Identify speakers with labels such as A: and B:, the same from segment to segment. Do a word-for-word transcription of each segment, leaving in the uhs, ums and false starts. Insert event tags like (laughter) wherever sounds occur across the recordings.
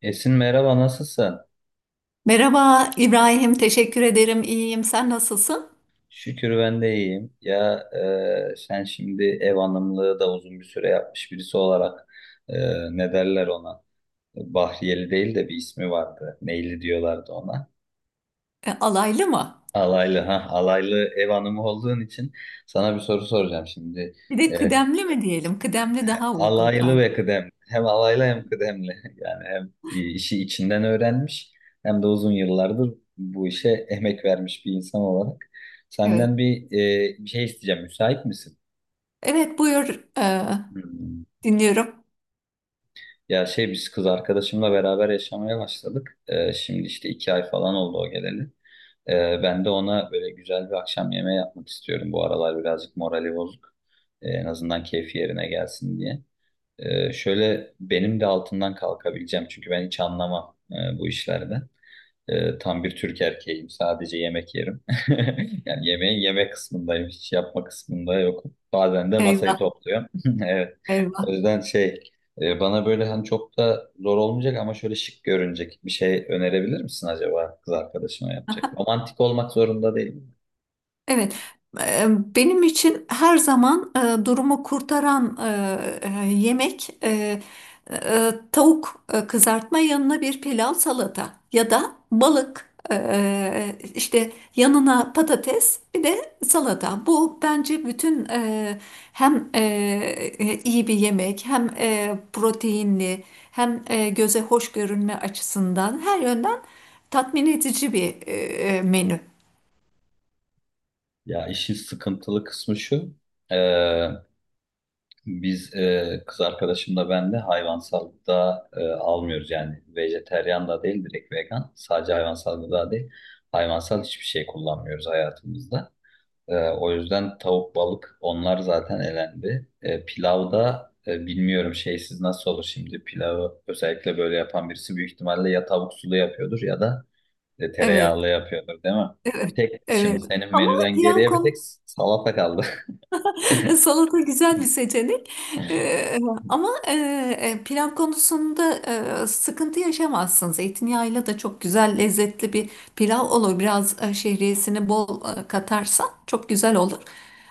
A: Esin, merhaba, nasılsın?
B: Merhaba İbrahim, teşekkür ederim. İyiyim. Sen nasılsın?
A: Şükür ben de iyiyim. Ya, e, sen şimdi ev hanımlığı da uzun bir süre yapmış birisi olarak, e, ne derler ona? Bahriyeli değil de bir ismi vardı. Neyli diyorlardı ona.
B: E, alaylı mı?
A: Alaylı, ha, alaylı ev hanımı olduğun için sana bir soru soracağım şimdi.
B: Bir de
A: E,
B: kıdemli mi diyelim? Kıdemli daha uygun
A: Alaylı ve
B: sanki.
A: kıdemli. Hem alaylı hem kıdemli. (laughs) Yani hem işi içinden öğrenmiş hem de uzun yıllardır bu işe emek vermiş bir insan olarak.
B: Evet.
A: Senden bir, e, bir şey isteyeceğim. Müsait misin?
B: Evet, buyur. E,
A: Hmm.
B: dinliyorum.
A: Ya, şey biz kız arkadaşımla beraber yaşamaya başladık. E, şimdi işte iki ay falan oldu o geleli. E, ben de ona böyle güzel bir akşam yemeği yapmak istiyorum. Bu aralar birazcık morali bozuk. E, en azından keyfi yerine gelsin diye. Ee, şöyle benim de altından kalkabileceğim, çünkü ben hiç anlamam e, bu işlerden. Ee, tam bir Türk erkeğim. Sadece yemek yerim. (laughs) Yani yemeğin yemek kısmındayım. Hiç yapma kısmında yok. Bazen de masayı
B: Eyvah,
A: topluyorum. (laughs) Evet. O
B: eyvah.
A: yüzden şey e, bana böyle, hani, çok da zor olmayacak ama şöyle şık görünecek bir şey önerebilir misin acaba, kız arkadaşıma yapacak? Romantik olmak zorunda değil.
B: Evet, e, benim için her zaman e, durumu kurtaran e, e, yemek, e, e, tavuk e, kızartma, yanına bir pilav salata, ya da balık, e, işte yanına patates bir de salata. Bu bence bütün e, hem e, e, iyi bir yemek, hem e, proteinli, hem e, göze hoş görünme açısından her yönden tatmin edici bir e, e, menü.
A: Ya, işin sıkıntılı kısmı şu. e, Biz, e, kız arkadaşımla, ben de hayvansallıkta e, almıyoruz, yani vejeteryan da değil, direkt vegan. Sadece hayvansal gıda değil, hayvansal hiçbir şey kullanmıyoruz hayatımızda. E, o yüzden tavuk, balık, onlar zaten elendi. E, pilavda, e, bilmiyorum, şeysiz nasıl olur şimdi. Pilavı özellikle böyle yapan birisi büyük ihtimalle ya tavuk sulu yapıyordur ya da e,
B: Evet.
A: tereyağlı yapıyordur, değil mi? Bir
B: Evet,
A: tek şimdi
B: evet.
A: senin
B: Ama
A: menüden
B: pilav
A: geriye bir tek
B: konu
A: salata kaldı.
B: (laughs) salata güzel bir seçenek. Ee, ama e, e, pilav konusunda e, sıkıntı yaşamazsın. Zeytinyağıyla da çok güzel lezzetli bir pilav olur. Biraz e, şehriyesini bol e, katarsan çok güzel olur.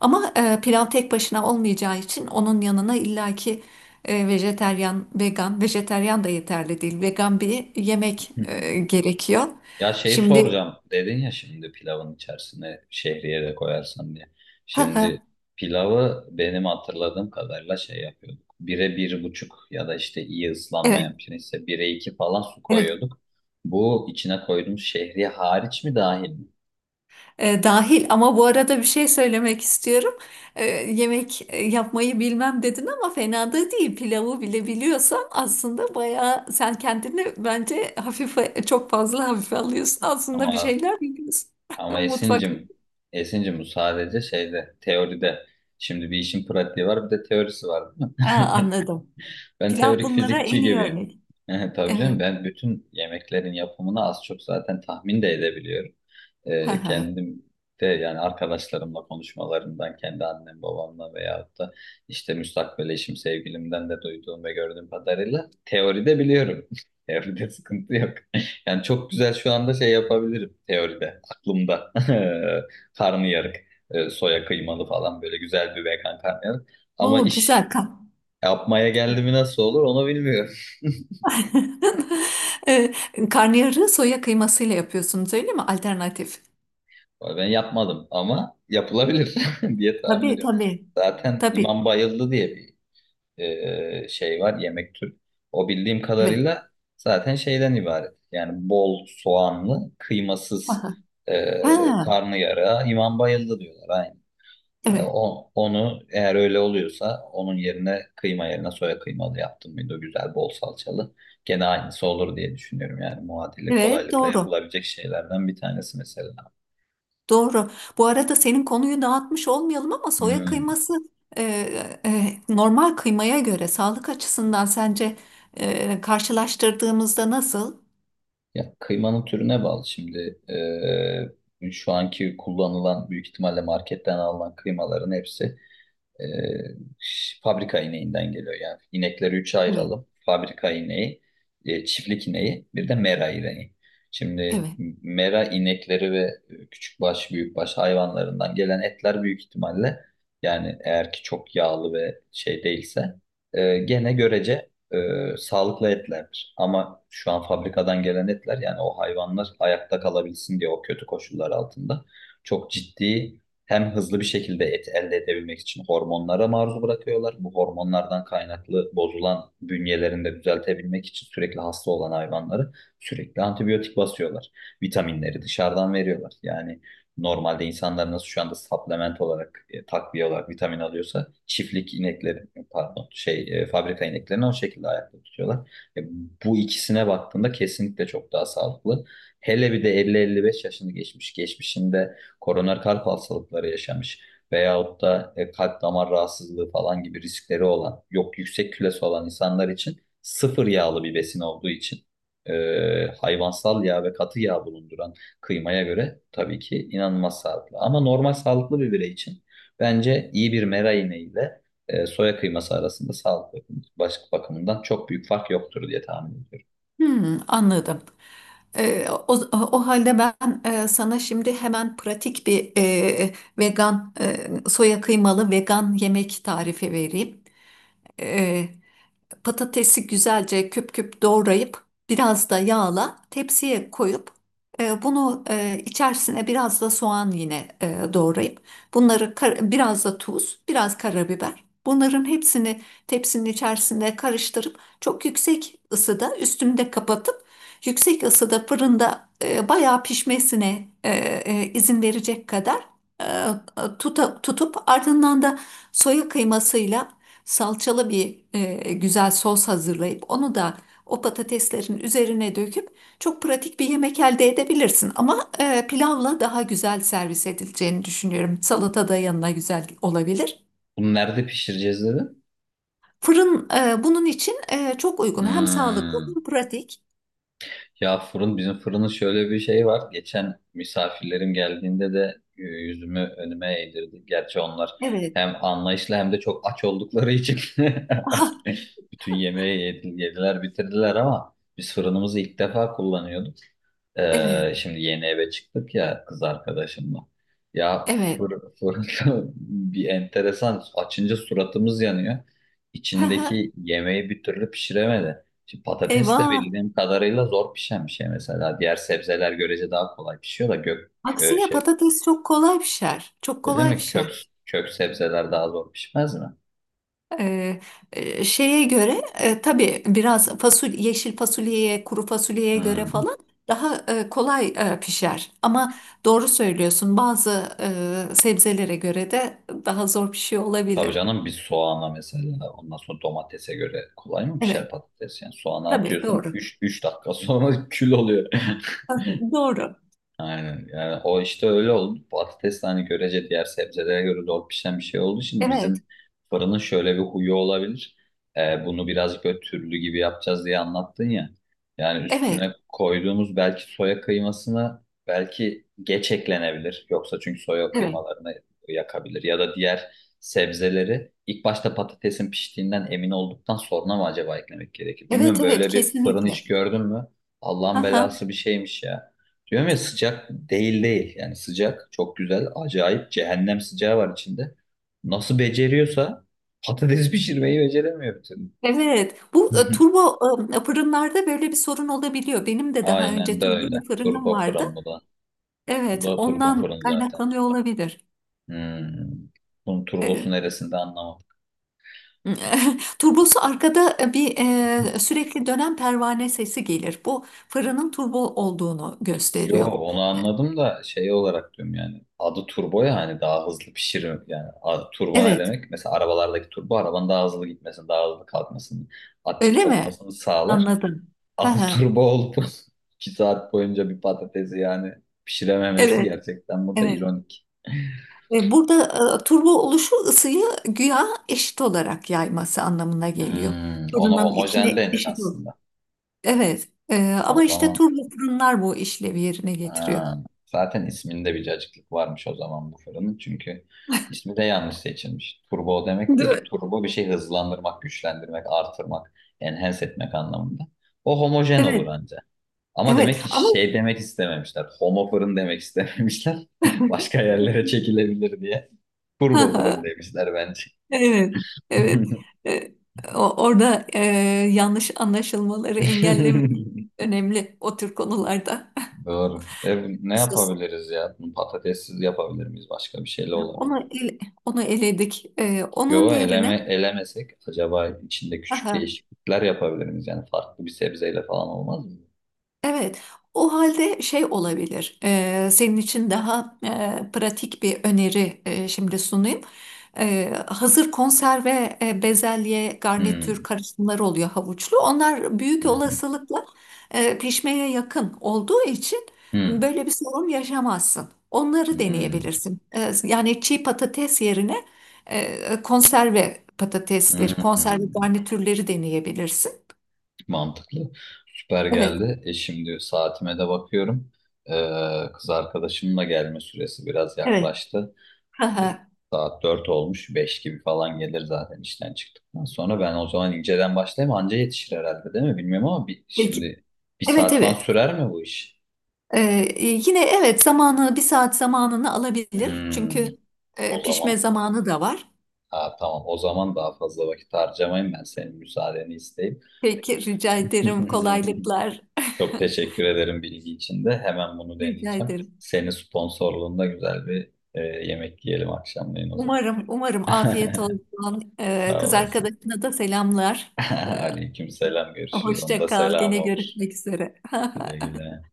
B: Ama e, pilav tek başına olmayacağı için onun yanına illaki e, vejeteryan, vegan, vejeteryan da yeterli değil. Vegan bir yemek e,
A: (laughs)
B: gerekiyor.
A: Ya, şey
B: Şimdi,
A: soracağım. Dedin ya şimdi, pilavın içerisine şehriye de koyarsan diye. Şimdi
B: (laughs)
A: pilavı benim hatırladığım kadarıyla şey yapıyorduk. Bire bir buçuk, ya da işte iyi
B: evet,
A: ıslanmayan pirinçse bire iki falan su
B: evet.
A: koyuyorduk. Bu, içine koyduğumuz şehriye hariç mi dahil mi?
B: E, dahil, ama bu arada bir şey söylemek istiyorum. E, yemek e, yapmayı bilmem dedin ama fena da değil. Pilavı bile biliyorsan aslında bayağı sen kendini bence hafife çok fazla hafife alıyorsun. Aslında bir
A: Ama
B: şeyler biliyorsun. (laughs)
A: ama
B: Mutfak.
A: Esin'cim, Esin'cim, bu sadece şeyde, teoride. Şimdi bir işin pratiği var, bir de teorisi var, değil
B: Ha,
A: mi? (laughs)
B: anladım.
A: Ben
B: Pilav
A: teorik
B: bunlara en
A: fizikçi
B: iyi
A: gibi.
B: örnek.
A: (laughs) Tabii canım,
B: Evet.
A: ben bütün yemeklerin yapımını az çok zaten tahmin de edebiliyorum. Ee,
B: (laughs)
A: kendim de, yani arkadaşlarımla konuşmalarından, kendi annem babamla veyahut da işte müstakbel eşim sevgilimden de duyduğum ve gördüğüm kadarıyla teoride biliyorum. (laughs) Teoride sıkıntı yok. (laughs) Yani çok güzel şu anda şey yapabilirim teoride, aklımda. (laughs) Karnıyarık, e, soya kıymalı falan, böyle güzel bir vegan karnıyarık. Ama
B: O
A: iş
B: güzel kan.
A: yapmaya geldi mi nasıl olur, onu bilmiyorum.
B: (laughs) e, Karnıyarığı soya kıymasıyla yapıyorsunuz, öyle mi? Alternatif.
A: Ben yapmadım ama yapılabilir (laughs) diye tahmin
B: Tabii,
A: ediyorum.
B: tabii.
A: Zaten
B: Tabii.
A: İmam Bayıldı diye bir e, şey var, yemek türü. O, bildiğim
B: Evet.
A: kadarıyla zaten şeyden ibaret. Yani bol soğanlı, kıymasız
B: Aha.
A: e,
B: Ha.
A: karnıyara İmam Bayıldı diyorlar. Aynen. E,
B: Evet,
A: O, onu eğer öyle oluyorsa, onun yerine kıyma yerine soya kıymalı yaptım mıydı, güzel bol salçalı. Gene aynısı olur diye düşünüyorum. Yani muadili
B: evet,
A: kolaylıkla
B: doğru.
A: yapılabilecek şeylerden bir tanesi mesela.
B: Doğru. Bu arada senin konuyu dağıtmış olmayalım ama soya
A: Hmm.
B: kıyması, e, e, normal kıymaya göre sağlık açısından sence e, karşılaştırdığımızda nasıl?
A: Ya, kıymanın türüne bağlı şimdi. Ee, şu anki kullanılan, büyük ihtimalle marketten alınan kıymaların hepsi, E, fabrika ineğinden geliyor yani. İnekleri üçe
B: Evet.
A: ayıralım: fabrika ineği, e, çiftlik ineği, bir de mera ineği. Şimdi
B: Evet.
A: mera inekleri ve küçük baş, büyük baş hayvanlarından gelen etler büyük ihtimalle, yani eğer ki çok yağlı ve şey değilse, e, gene görece e, sağlıklı etlerdir. Ama şu an fabrikadan gelen etler, yani o hayvanlar ayakta kalabilsin diye, o kötü koşullar altında çok ciddi, hem hızlı bir şekilde et elde edebilmek için hormonlara maruz bırakıyorlar. Bu hormonlardan kaynaklı bozulan bünyelerinde düzeltebilmek için, sürekli hasta olan hayvanları sürekli antibiyotik basıyorlar. Vitaminleri dışarıdan veriyorlar. Yani normalde insanlar nasıl şu anda supplement olarak, e, takviye olarak vitamin alıyorsa, çiftlik inekleri, pardon, şey e, fabrika ineklerini o şekilde ayakta tutuyorlar. E, Bu ikisine baktığında kesinlikle çok daha sağlıklı. Hele bir de elli elli beş yaşını geçmiş geçmişinde koroner kalp hastalıkları yaşamış veyahut da e, kalp damar rahatsızlığı falan gibi riskleri olan, yok yüksek kilosu olan insanlar için, sıfır yağlı bir besin olduğu için, e, hayvansal yağ ve katı yağ bulunduran kıymaya göre tabii ki inanılmaz sağlıklı. Ama normal sağlıklı bir birey için bence iyi bir meraine ile e, soya kıyması arasında sağlık bakım- baş- bakımından çok büyük fark yoktur diye tahmin ediyorum.
B: Hmm, anladım. E, o, O halde ben e, sana şimdi hemen pratik bir e, vegan, e, soya kıymalı vegan yemek tarifi vereyim. E, Patatesi güzelce küp küp doğrayıp biraz da yağla tepsiye koyup, e, bunu e, içerisine biraz da soğan yine e, doğrayıp, bunları kar- biraz da tuz, biraz karabiber. Bunların hepsini tepsinin içerisinde karıştırıp çok yüksek ısıda üstünde kapatıp yüksek ısıda fırında e, bayağı pişmesine e, e, izin verecek kadar e, tuta- tutup, ardından da soya kıymasıyla salçalı bir e, güzel sos hazırlayıp onu da o patateslerin üzerine döküp çok pratik bir yemek elde edebilirsin. Ama e, pilavla daha güzel servis edileceğini düşünüyorum. Salata da yanına güzel olabilir.
A: Bunu nerede pişireceğiz dedi?
B: Fırın e, bunun için e, çok uygun. Hem sağlıklı,
A: Hmm.
B: hem pratik.
A: Ya fırın, bizim fırının şöyle bir şey var. Geçen misafirlerim geldiğinde de e, yüzümü önüme eğdirdi. Gerçi onlar
B: Evet.
A: hem anlayışlı hem de çok aç oldukları için
B: Ah,
A: (laughs) bütün yemeği yedi- yediler, bitirdiler, ama biz fırınımızı ilk defa kullanıyorduk.
B: evet.
A: Ee, şimdi yeni eve çıktık ya kız arkadaşımla. Ya,
B: Evet.
A: fırın, fırın (laughs) bir enteresan. Açınca suratımız yanıyor.
B: (laughs)
A: İçindeki yemeği bir türlü pişiremedi. Şimdi patates de
B: Eyvah.
A: bildiğim kadarıyla zor pişen bir şey mesela. Diğer sebzeler görece daha kolay pişiyor da gök e,
B: Aksine
A: şey
B: patates çok kolay pişer. Çok
A: öyle
B: kolay
A: mi?
B: pişer.
A: Kök kök sebzeler daha zor pişmez mi?
B: Ee, e, Şeye göre e, tabii biraz, fasulye, yeşil fasulyeye, kuru fasulyeye göre
A: Hmm.
B: falan daha e, kolay e, pişer. Ama doğru söylüyorsun, bazı e, sebzelere göre de daha zor pişiyor
A: Tabii
B: olabilir.
A: canım, bir soğana mesela, ondan sonra domatese göre kolay mı pişer
B: Evet,
A: patates? Yani soğana
B: tabii
A: atıyorsun,
B: doğru.
A: üç üç dakika sonra (laughs) kül oluyor.
B: Ha. Doğru.
A: Aynen. Yani o işte öyle oldu. Patates de, hani, görece diğer sebzelere göre zor pişen bir şey olduğu için,
B: Evet,
A: bizim fırının şöyle bir huyu olabilir. Ee, bunu birazcık böyle türlü gibi yapacağız diye anlattın ya. Yani
B: evet,
A: üstüne koyduğumuz belki, soya kıymasına belki geç eklenebilir. Yoksa çünkü soya
B: evet.
A: kıymalarını yakabilir. Ya da diğer sebzeleri ilk başta, patatesin piştiğinden emin olduktan sonra mı acaba eklemek gerekir?
B: Evet,
A: Bilmiyorum,
B: evet,
A: böyle bir fırın hiç
B: kesinlikle.
A: gördün mü? Allah'ın
B: Aha,
A: belası bir şeymiş ya. Diyorum ya, sıcak değil değil. Yani sıcak çok güzel, acayip cehennem sıcağı var içinde. Nasıl beceriyorsa patates (laughs) pişirmeyi beceremiyor bir türlü.
B: evet, bu e,
A: (laughs)
B: turbo e, fırınlarda böyle bir sorun olabiliyor. Benim de daha
A: Aynen
B: önce
A: de
B: turbo
A: öyle.
B: bir fırınım
A: Turbo fırın
B: vardı.
A: bu da. Bu
B: Evet,
A: da turbo
B: ondan
A: fırın zaten.
B: kaynaklanıyor olabilir.
A: Hmm. Bunun
B: E,
A: turbosu neresinde, anlamadım.
B: (laughs) Turbosu arkada, e, bir e, sürekli dönen pervane sesi gelir. Bu fırının turbo olduğunu
A: Yo,
B: gösteriyor.
A: onu anladım da şey olarak diyorum yani. Adı turbo ya, hani daha hızlı pişirir. Yani, a- turbo ne
B: Evet,
A: demek? Mesela arabalardaki turbo, arabanın daha hızlı gitmesini, daha hızlı kalkmasını, atik
B: öyle mi?
A: olmasını sağlar.
B: Anladım. Hı
A: Altı
B: hı.
A: turbo olup (laughs) iki saat boyunca bir patatesi yani pişirememesi,
B: Evet,
A: gerçekten bu da
B: evet.
A: ironik.
B: E, Burada e, turbo oluşu ısıyı güya eşit olarak yayması anlamına geliyor.
A: Hmm, ona
B: Fırının
A: homojen
B: içine
A: denir
B: eşit ol.
A: aslında.
B: Evet. E,
A: O
B: ama işte
A: zaman,
B: turbo fırınlar bu işlevi yerine getiriyor.
A: ha, zaten isminde bir cacıklık varmış o zaman bu fırının. Çünkü ismi de yanlış seçilmiş. Turbo o demek
B: Değil
A: değil ki.
B: mi?
A: Turbo bir şey hızlandırmak, güçlendirmek, artırmak, enhance etmek anlamında. O homojen olur
B: Evet,
A: anca. Ama
B: evet.
A: demek ki
B: Ama
A: şey demek istememişler. Homo fırın demek istememişler. (laughs) Başka yerlere çekilebilir diye. Turbo fırın
B: (laughs) (laughs)
A: demişler bence.
B: evet, evet. E, o- Orada e, yanlış anlaşılmaları engellemek
A: (laughs)
B: önemli o tür konularda.
A: Doğru. E, ne
B: Sus.
A: yapabiliriz ya? Bunu patatessiz yapabilir miyiz? Başka bir şeyle olabilir
B: Onu
A: mi?
B: ele- Onu eledik. E, onun
A: Yo,
B: yerine
A: eleme, elemesek acaba, içinde küçük
B: (laughs)
A: değişiklikler yapabilir miyiz? Yani farklı bir sebzeyle falan olmaz mı?
B: evet, o halde şey olabilir. E, senin için daha e, pratik bir öneri e, şimdi sunayım. E, hazır konserve e, bezelye, garnitür
A: Hmm,
B: karışımları oluyor, havuçlu. Onlar büyük
A: hı hı,
B: olasılıkla e, pişmeye yakın olduğu için
A: hı,
B: böyle bir sorun yaşamazsın. Onları
A: hı,
B: deneyebilirsin. E, yani çiğ patates yerine e, konserve
A: hı,
B: patatesleri,
A: hı.
B: konserve garnitürleri deneyebilirsin.
A: Mantıklı. Süper
B: Evet,
A: geldi. E şimdi saatime de bakıyorum. Ee, kız arkadaşımın da gelme süresi biraz
B: evet.
A: yaklaştı.
B: (laughs)
A: Saat dört olmuş, beş gibi falan gelir zaten işten çıktıktan sonra. Ben o zaman inceden başlayayım, anca yetişir herhalde, değil mi, bilmiyorum. Ama bir,
B: Peki.
A: şimdi bir
B: Evet,
A: saat falan
B: evet.
A: sürer mi bu iş?
B: Ee, e, Yine evet zamanı, bir saat zamanını alabilir.
A: Hmm,
B: Çünkü
A: O
B: e,
A: zaman,
B: pişme zamanı da var.
A: ha, tamam, o zaman daha fazla vakit harcamayayım, ben senin müsaadeni isteyip.
B: Peki, rica ederim,
A: (laughs)
B: kolaylıklar.
A: Çok teşekkür ederim bilgi için de, hemen bunu
B: (laughs) Rica
A: deneyeceğim.
B: ederim.
A: Senin sponsorluğunda güzel bir e, yemek yiyelim akşamleyin o zaman.
B: Umarım, umarım afiyet
A: (laughs)
B: olsun. Ee,
A: Sağ
B: kız
A: olasın.
B: arkadaşına da selamlar.
A: (laughs)
B: Ee,
A: Aleyküm selam, görüşürüz.
B: hoşça
A: Onda
B: kal.
A: selam
B: Gene
A: olur.
B: görüşmek üzere. (laughs)
A: Güle güle.